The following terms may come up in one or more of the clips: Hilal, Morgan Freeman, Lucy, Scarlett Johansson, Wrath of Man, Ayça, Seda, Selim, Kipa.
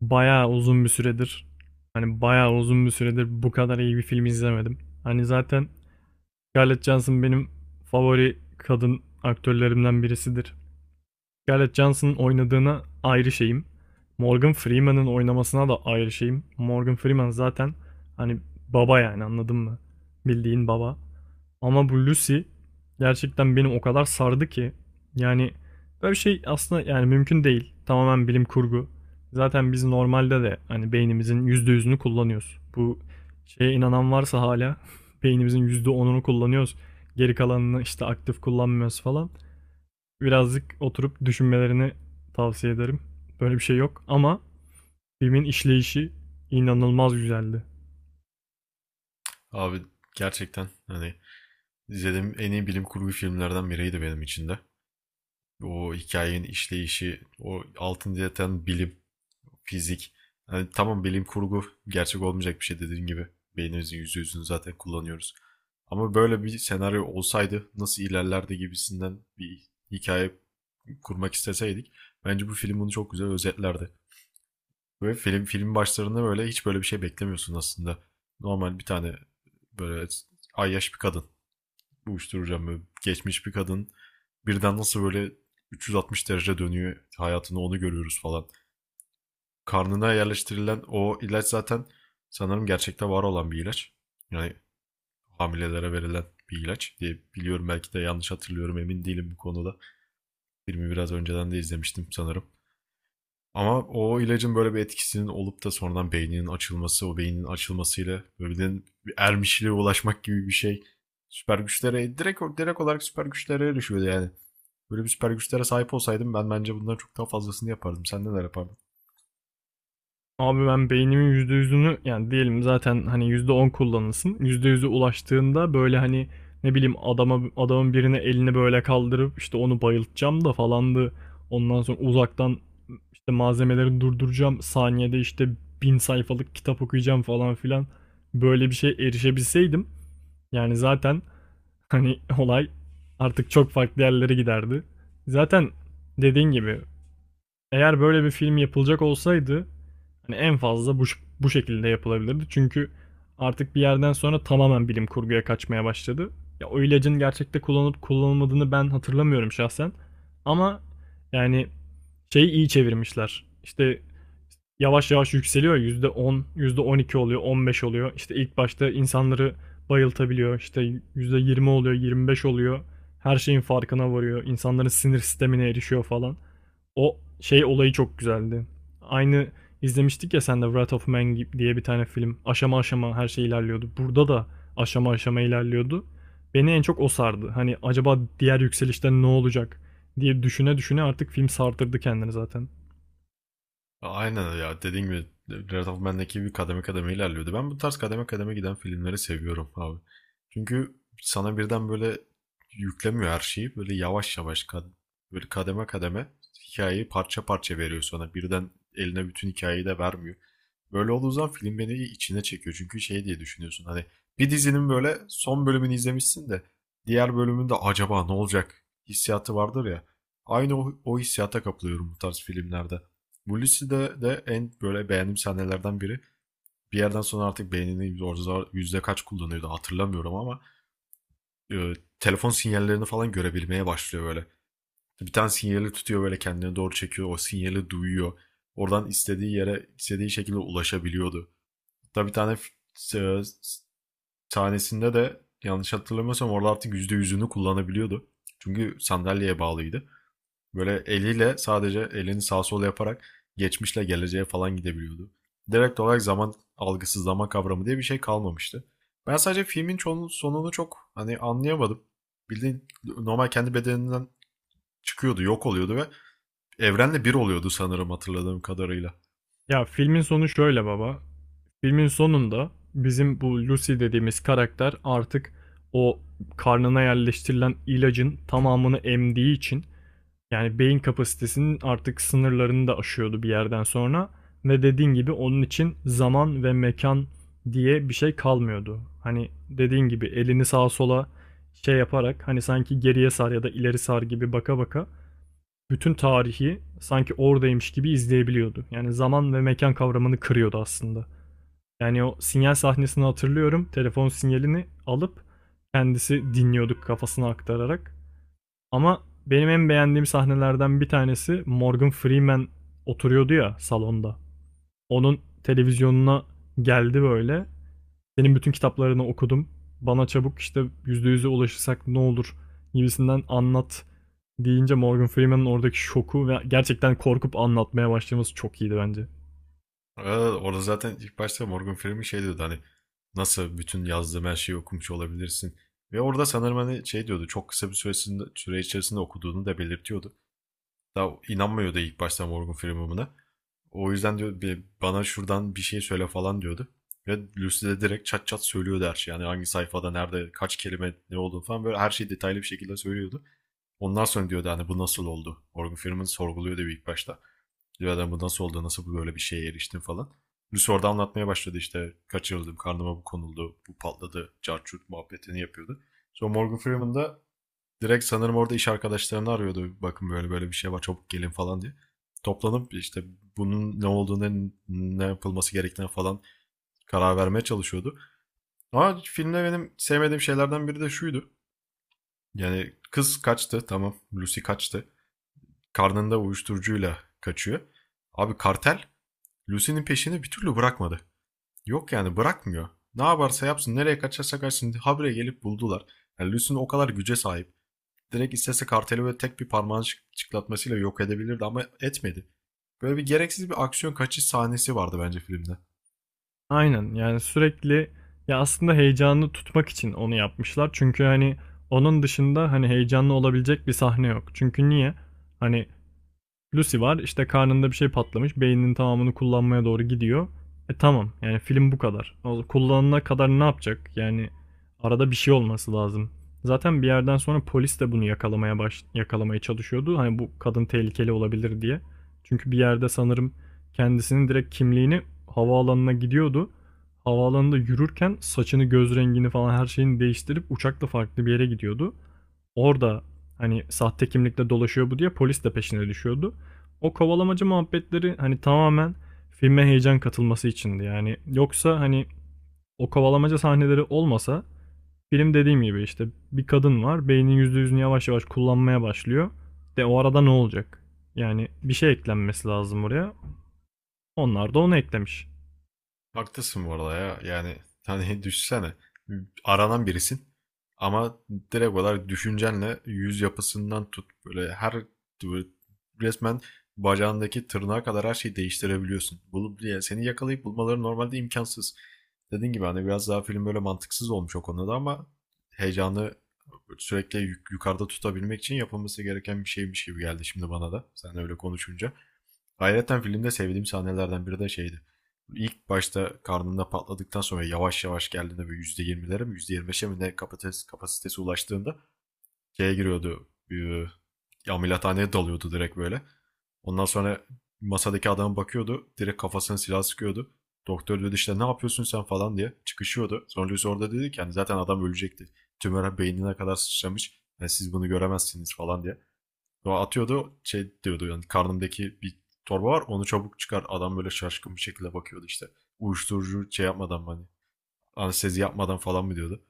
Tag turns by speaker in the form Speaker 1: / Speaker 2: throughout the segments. Speaker 1: Bayağı uzun bir süredir bayağı uzun bir süredir bu kadar iyi bir film izlemedim. Hani zaten Scarlett Johansson benim favori kadın aktörlerimden birisidir. Scarlett Johansson'ın oynadığına ayrı şeyim. Morgan Freeman'ın oynamasına da ayrı şeyim. Morgan Freeman zaten hani baba, yani anladın mı? Bildiğin baba. Ama bu Lucy gerçekten beni o kadar sardı ki, yani böyle bir şey aslında yani mümkün değil. Tamamen bilim kurgu. Zaten biz normalde de hani beynimizin %100'ünü kullanıyoruz. Bu şeye inanan varsa hala beynimizin %10'unu kullanıyoruz, geri kalanını işte aktif kullanmıyoruz falan. Birazcık oturup düşünmelerini tavsiye ederim. Böyle bir şey yok ama filmin işleyişi inanılmaz güzeldi.
Speaker 2: Abi gerçekten hani izlediğim en iyi bilim kurgu filmlerden biriydi benim için de. O hikayenin işleyişi, o altın yatan bilim, fizik. Hani tamam, bilim kurgu gerçek olmayacak bir şey, dediğin gibi. Beynimizin yüzde yüzünü zaten kullanıyoruz. Ama böyle bir senaryo olsaydı nasıl ilerlerdi gibisinden bir hikaye kurmak isteseydik, bence bu film bunu çok güzel özetlerdi. Böyle film başlarında böyle hiç böyle bir şey beklemiyorsun aslında. Normal bir tane böyle ayyaş bir kadın uyuşturacağım. Böyle geçmiş bir kadın birden nasıl böyle 360 derece dönüyor hayatını, onu görüyoruz falan. Karnına yerleştirilen o ilaç zaten sanırım gerçekte var olan bir ilaç. Yani hamilelere verilen bir ilaç diye biliyorum, belki de yanlış hatırlıyorum, emin değilim bu konuda. Filmi biraz önceden de izlemiştim sanırım. Ama o ilacın böyle bir etkisinin olup da sonradan beyninin açılması, o beynin açılmasıyla böyle bir ermişliğe ulaşmak gibi bir şey. Süper güçlere direkt olarak süper güçlere erişiyordu yani. Böyle bir süper güçlere sahip olsaydım ben, bence bundan çok daha fazlasını yapardım. Sen neler yapardın?
Speaker 1: Abi ben beynimin %100'ünü, yani diyelim zaten hani %10 kullanılsın. %100'e ulaştığında böyle hani ne bileyim adamın birine elini böyle kaldırıp işte onu bayıltacağım da falandı. Ondan sonra uzaktan işte malzemeleri durduracağım. Saniyede işte bin sayfalık kitap okuyacağım falan filan. Böyle bir şey erişebilseydim yani zaten hani olay artık çok farklı yerlere giderdi. Zaten dediğin gibi eğer böyle bir film yapılacak olsaydı hani en fazla bu şekilde yapılabilirdi. Çünkü artık bir yerden sonra tamamen bilim kurguya kaçmaya başladı. Ya o ilacın gerçekte kullanıp kullanılmadığını ben hatırlamıyorum şahsen. Ama yani şeyi iyi çevirmişler. İşte yavaş yavaş yükseliyor. Yüzde on, yüzde on iki oluyor, %15 oluyor. İşte ilk başta insanları bayıltabiliyor. İşte %20 oluyor, %25 oluyor. Her şeyin farkına varıyor. İnsanların sinir sistemine erişiyor falan. O şey olayı çok güzeldi. Aynı izlemiştik ya sen de, Wrath of Man diye bir tane film. Aşama aşama her şey ilerliyordu. Burada da aşama aşama ilerliyordu. Beni en çok o sardı. Hani acaba diğer yükselişte ne olacak diye düşüne düşüne artık film sartırdı kendini zaten.
Speaker 2: Aynen ya, dediğim gibi Breath of Man ekibi kademe kademe ilerliyordu. Ben bu tarz kademe kademe giden filmleri seviyorum abi. Çünkü sana birden böyle yüklemiyor her şeyi. Böyle yavaş yavaş böyle kademe kademe hikayeyi parça parça veriyor sana. Birden eline bütün hikayeyi de vermiyor. Böyle olduğu zaman film beni içine çekiyor. Çünkü şey diye düşünüyorsun, hani bir dizinin böyle son bölümünü izlemişsin de diğer bölümünde acaba ne olacak hissiyatı vardır ya. Aynı o hissiyata kapılıyorum bu tarz filmlerde. Mulisi'de de en böyle beğendiğim sahnelerden biri. Bir yerden sonra artık beynini orada yüzde kaç kullanıyordu hatırlamıyorum ama e, telefon sinyallerini falan görebilmeye başlıyor böyle. Bir tane sinyali tutuyor, böyle kendine doğru çekiyor. O sinyali duyuyor. Oradan istediği yere istediği şekilde ulaşabiliyordu. Hatta bir tane e, tanesinde de, yanlış hatırlamıyorsam, orada artık yüzde yüzünü kullanabiliyordu. Çünkü sandalyeye bağlıydı. Böyle eliyle sadece elini sağ sol yaparak geçmişle geleceğe falan gidebiliyordu. Direkt olarak zaman algısı, zaman kavramı diye bir şey kalmamıştı. Ben sadece filmin çoğunun sonunu çok hani anlayamadım. Bildiğin normal kendi bedeninden çıkıyordu, yok oluyordu ve evrenle bir oluyordu sanırım, hatırladığım kadarıyla.
Speaker 1: Ya filmin sonu şöyle baba. Filmin sonunda bizim bu Lucy dediğimiz karakter artık o karnına yerleştirilen ilacın tamamını emdiği için, yani beyin kapasitesinin artık sınırlarını da aşıyordu bir yerden sonra ve dediğin gibi onun için zaman ve mekan diye bir şey kalmıyordu. Hani dediğin gibi elini sağa sola şey yaparak, hani sanki geriye sar ya da ileri sar gibi baka baka bütün tarihi sanki oradaymış gibi izleyebiliyordu. Yani zaman ve mekan kavramını kırıyordu aslında. Yani o sinyal sahnesini hatırlıyorum. Telefon sinyalini alıp kendisi dinliyorduk kafasına aktararak. Ama benim en beğendiğim sahnelerden bir tanesi, Morgan Freeman oturuyordu ya salonda. Onun televizyonuna geldi böyle. Senin bütün kitaplarını okudum. Bana çabuk işte %100'e ulaşırsak ne olur gibisinden anlat deyince Morgan Freeman'ın oradaki şoku ve gerçekten korkup anlatmaya başlaması çok iyiydi bence.
Speaker 2: Aa, orada zaten ilk başta Morgan Freeman şey diyordu, hani nasıl bütün yazdığım her şeyi okumuş olabilirsin. Ve orada sanırım hani şey diyordu, çok kısa bir süre içerisinde okuduğunu da belirtiyordu. Daha inanmıyordu ilk başta Morgan Freeman buna. O yüzden diyor, bir bana şuradan bir şey söyle falan diyordu. Ve Lucy de direkt çat çat söylüyordu her şeyi. Yani hangi sayfada, nerede, kaç kelime, ne olduğunu falan, böyle her şeyi detaylı bir şekilde söylüyordu. Ondan sonra diyordu hani, bu nasıl oldu? Morgan Freeman sorguluyordu ilk başta. Diyor adam, bu nasıl oldu, nasıl bu böyle bir şeye eriştin falan. Lucy orada anlatmaya başladı, işte kaçırıldım, karnıma bu konuldu, bu patladı, carçurt muhabbetini yapıyordu. Sonra Morgan Freeman da direkt sanırım orada iş arkadaşlarını arıyordu. Bakın böyle böyle bir şey var, çabuk gelin falan diye. Toplanıp işte bunun ne olduğunu, ne yapılması gerektiğine falan karar vermeye çalışıyordu. Ama filmde benim sevmediğim şeylerden biri de şuydu. Yani kız kaçtı, tamam, Lucy kaçtı. Karnında uyuşturucuyla kaçıyor. Abi kartel Lucy'nin peşini bir türlü bırakmadı. Yok yani, bırakmıyor. Ne yaparsa yapsın, nereye kaçarsa kaçsın habire gelip buldular. Yani Lucy'nin o kadar güce sahip. Direkt istese karteli böyle tek bir parmağın çıklatmasıyla yok edebilirdi ama etmedi. Böyle bir gereksiz bir aksiyon kaçış sahnesi vardı bence filmde.
Speaker 1: Aynen, yani sürekli ya aslında heyecanı tutmak için onu yapmışlar. Çünkü hani onun dışında hani heyecanlı olabilecek bir sahne yok. Çünkü niye? Hani Lucy var. İşte karnında bir şey patlamış. Beyninin tamamını kullanmaya doğru gidiyor. E tamam. Yani film bu kadar. Kullanana kadar ne yapacak? Yani arada bir şey olması lazım. Zaten bir yerden sonra polis de bunu yakalamaya çalışıyordu. Hani bu kadın tehlikeli olabilir diye. Çünkü bir yerde sanırım kendisinin direkt kimliğini, havaalanına gidiyordu. Havaalanında yürürken saçını, göz rengini falan her şeyini değiştirip uçakla farklı bir yere gidiyordu. Orada hani sahte kimlikle dolaşıyor bu diye polis de peşine düşüyordu. O kovalamaca muhabbetleri hani tamamen filme heyecan katılması içindi. Yani yoksa hani o kovalamaca sahneleri olmasa, film dediğim gibi işte bir kadın var, beynin %100'ünü yavaş yavaş kullanmaya başlıyor. De o arada ne olacak? Yani bir şey eklenmesi lazım oraya. Onlar da onu eklemiş.
Speaker 2: Haklısın bu arada ya. Yani hani düşsene, aranan birisin ama direkt olarak düşüncenle yüz yapısından tut, böyle her böyle, resmen bacağındaki tırnağa kadar her şeyi değiştirebiliyorsun. Bulup, yani seni yakalayıp bulmaları normalde imkansız. Dediğin gibi hani biraz daha film böyle mantıksız olmuş o konuda, ama heyecanı sürekli yukarıda tutabilmek için yapılması gereken bir şeymiş gibi geldi şimdi bana da. Sen öyle konuşunca. Hayretten filmde sevdiğim sahnelerden biri de şeydi. İlk başta karnında patladıktan sonra yavaş yavaş geldiğinde böyle %20'lere mi %25'e mi ne kapasitesi ulaştığında şeye giriyordu. Ameliyathaneye dalıyordu direkt böyle. Ondan sonra masadaki adama bakıyordu. Direkt kafasına silah sıkıyordu. Doktor dedi, işte ne yapıyorsun sen falan diye çıkışıyordu. Sonra Lucy orada dedi ki yani zaten adam ölecekti. Tümör beynine kadar sıçramış. Yani siz bunu göremezsiniz falan diye. Sonra atıyordu şey diyordu, yani karnımdaki bir torba var, onu çabuk çıkar. Adam böyle şaşkın bir şekilde bakıyordu işte. Uyuşturucu şey yapmadan mı, hani anestezi yapmadan falan mı diyordu.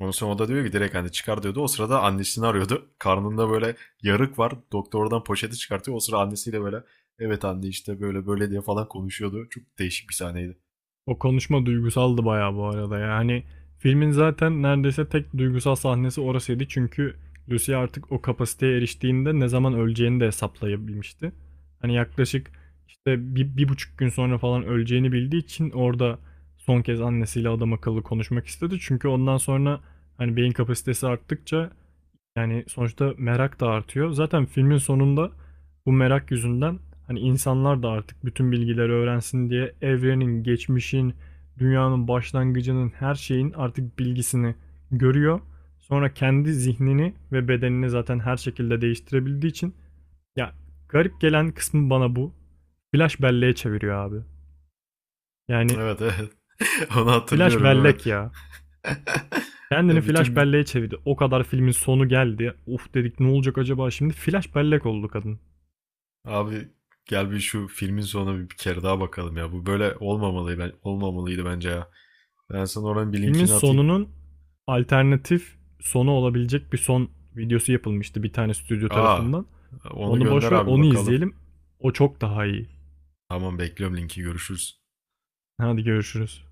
Speaker 2: Ondan sonra o da diyor ki direkt, hani çıkar diyordu. O sırada annesini arıyordu. Karnında böyle yarık var. Doktor oradan poşeti çıkartıyor. O sıra annesiyle böyle evet anne işte böyle böyle diye falan konuşuyordu. Çok değişik bir sahneydi.
Speaker 1: O konuşma duygusaldı bayağı bu arada. Yani filmin zaten neredeyse tek duygusal sahnesi orasıydı. Çünkü Lucy artık o kapasiteye eriştiğinde ne zaman öleceğini de hesaplayabilmişti. Hani yaklaşık işte bir, bir buçuk gün sonra falan öleceğini bildiği için orada son kez annesiyle adam akıllı konuşmak istedi. Çünkü ondan sonra hani beyin kapasitesi arttıkça, yani sonuçta merak da artıyor. Zaten filmin sonunda bu merak yüzünden hani insanlar da artık bütün bilgileri öğrensin diye evrenin, geçmişin, dünyanın başlangıcının, her şeyin artık bilgisini görüyor. Sonra kendi zihnini ve bedenini zaten her şekilde değiştirebildiği için, ya garip gelen kısmı bana bu. Flash belleğe çeviriyor abi. Yani
Speaker 2: Evet, evet. Onu
Speaker 1: flash
Speaker 2: hatırlıyorum, evet.
Speaker 1: bellek ya. Kendini flash
Speaker 2: Bütün
Speaker 1: belleğe çevirdi. O kadar filmin sonu geldi. Uf dedik, ne olacak acaba şimdi? Flash bellek oldu kadın.
Speaker 2: abi, gel bir şu filmin sonuna bir kere daha bakalım ya. Bu böyle olmamalı, ben olmamalıydı bence ya. Ben sana oranın bir
Speaker 1: Filmin
Speaker 2: linkini atayım.
Speaker 1: sonunun alternatif sonu olabilecek bir son videosu yapılmıştı bir tane stüdyo
Speaker 2: Aa,
Speaker 1: tarafından.
Speaker 2: onu
Speaker 1: Onu
Speaker 2: gönder
Speaker 1: boş ver,
Speaker 2: abi
Speaker 1: onu
Speaker 2: bakalım.
Speaker 1: izleyelim. O çok daha iyi.
Speaker 2: Tamam, bekliyorum linki, görüşürüz.
Speaker 1: Hadi görüşürüz.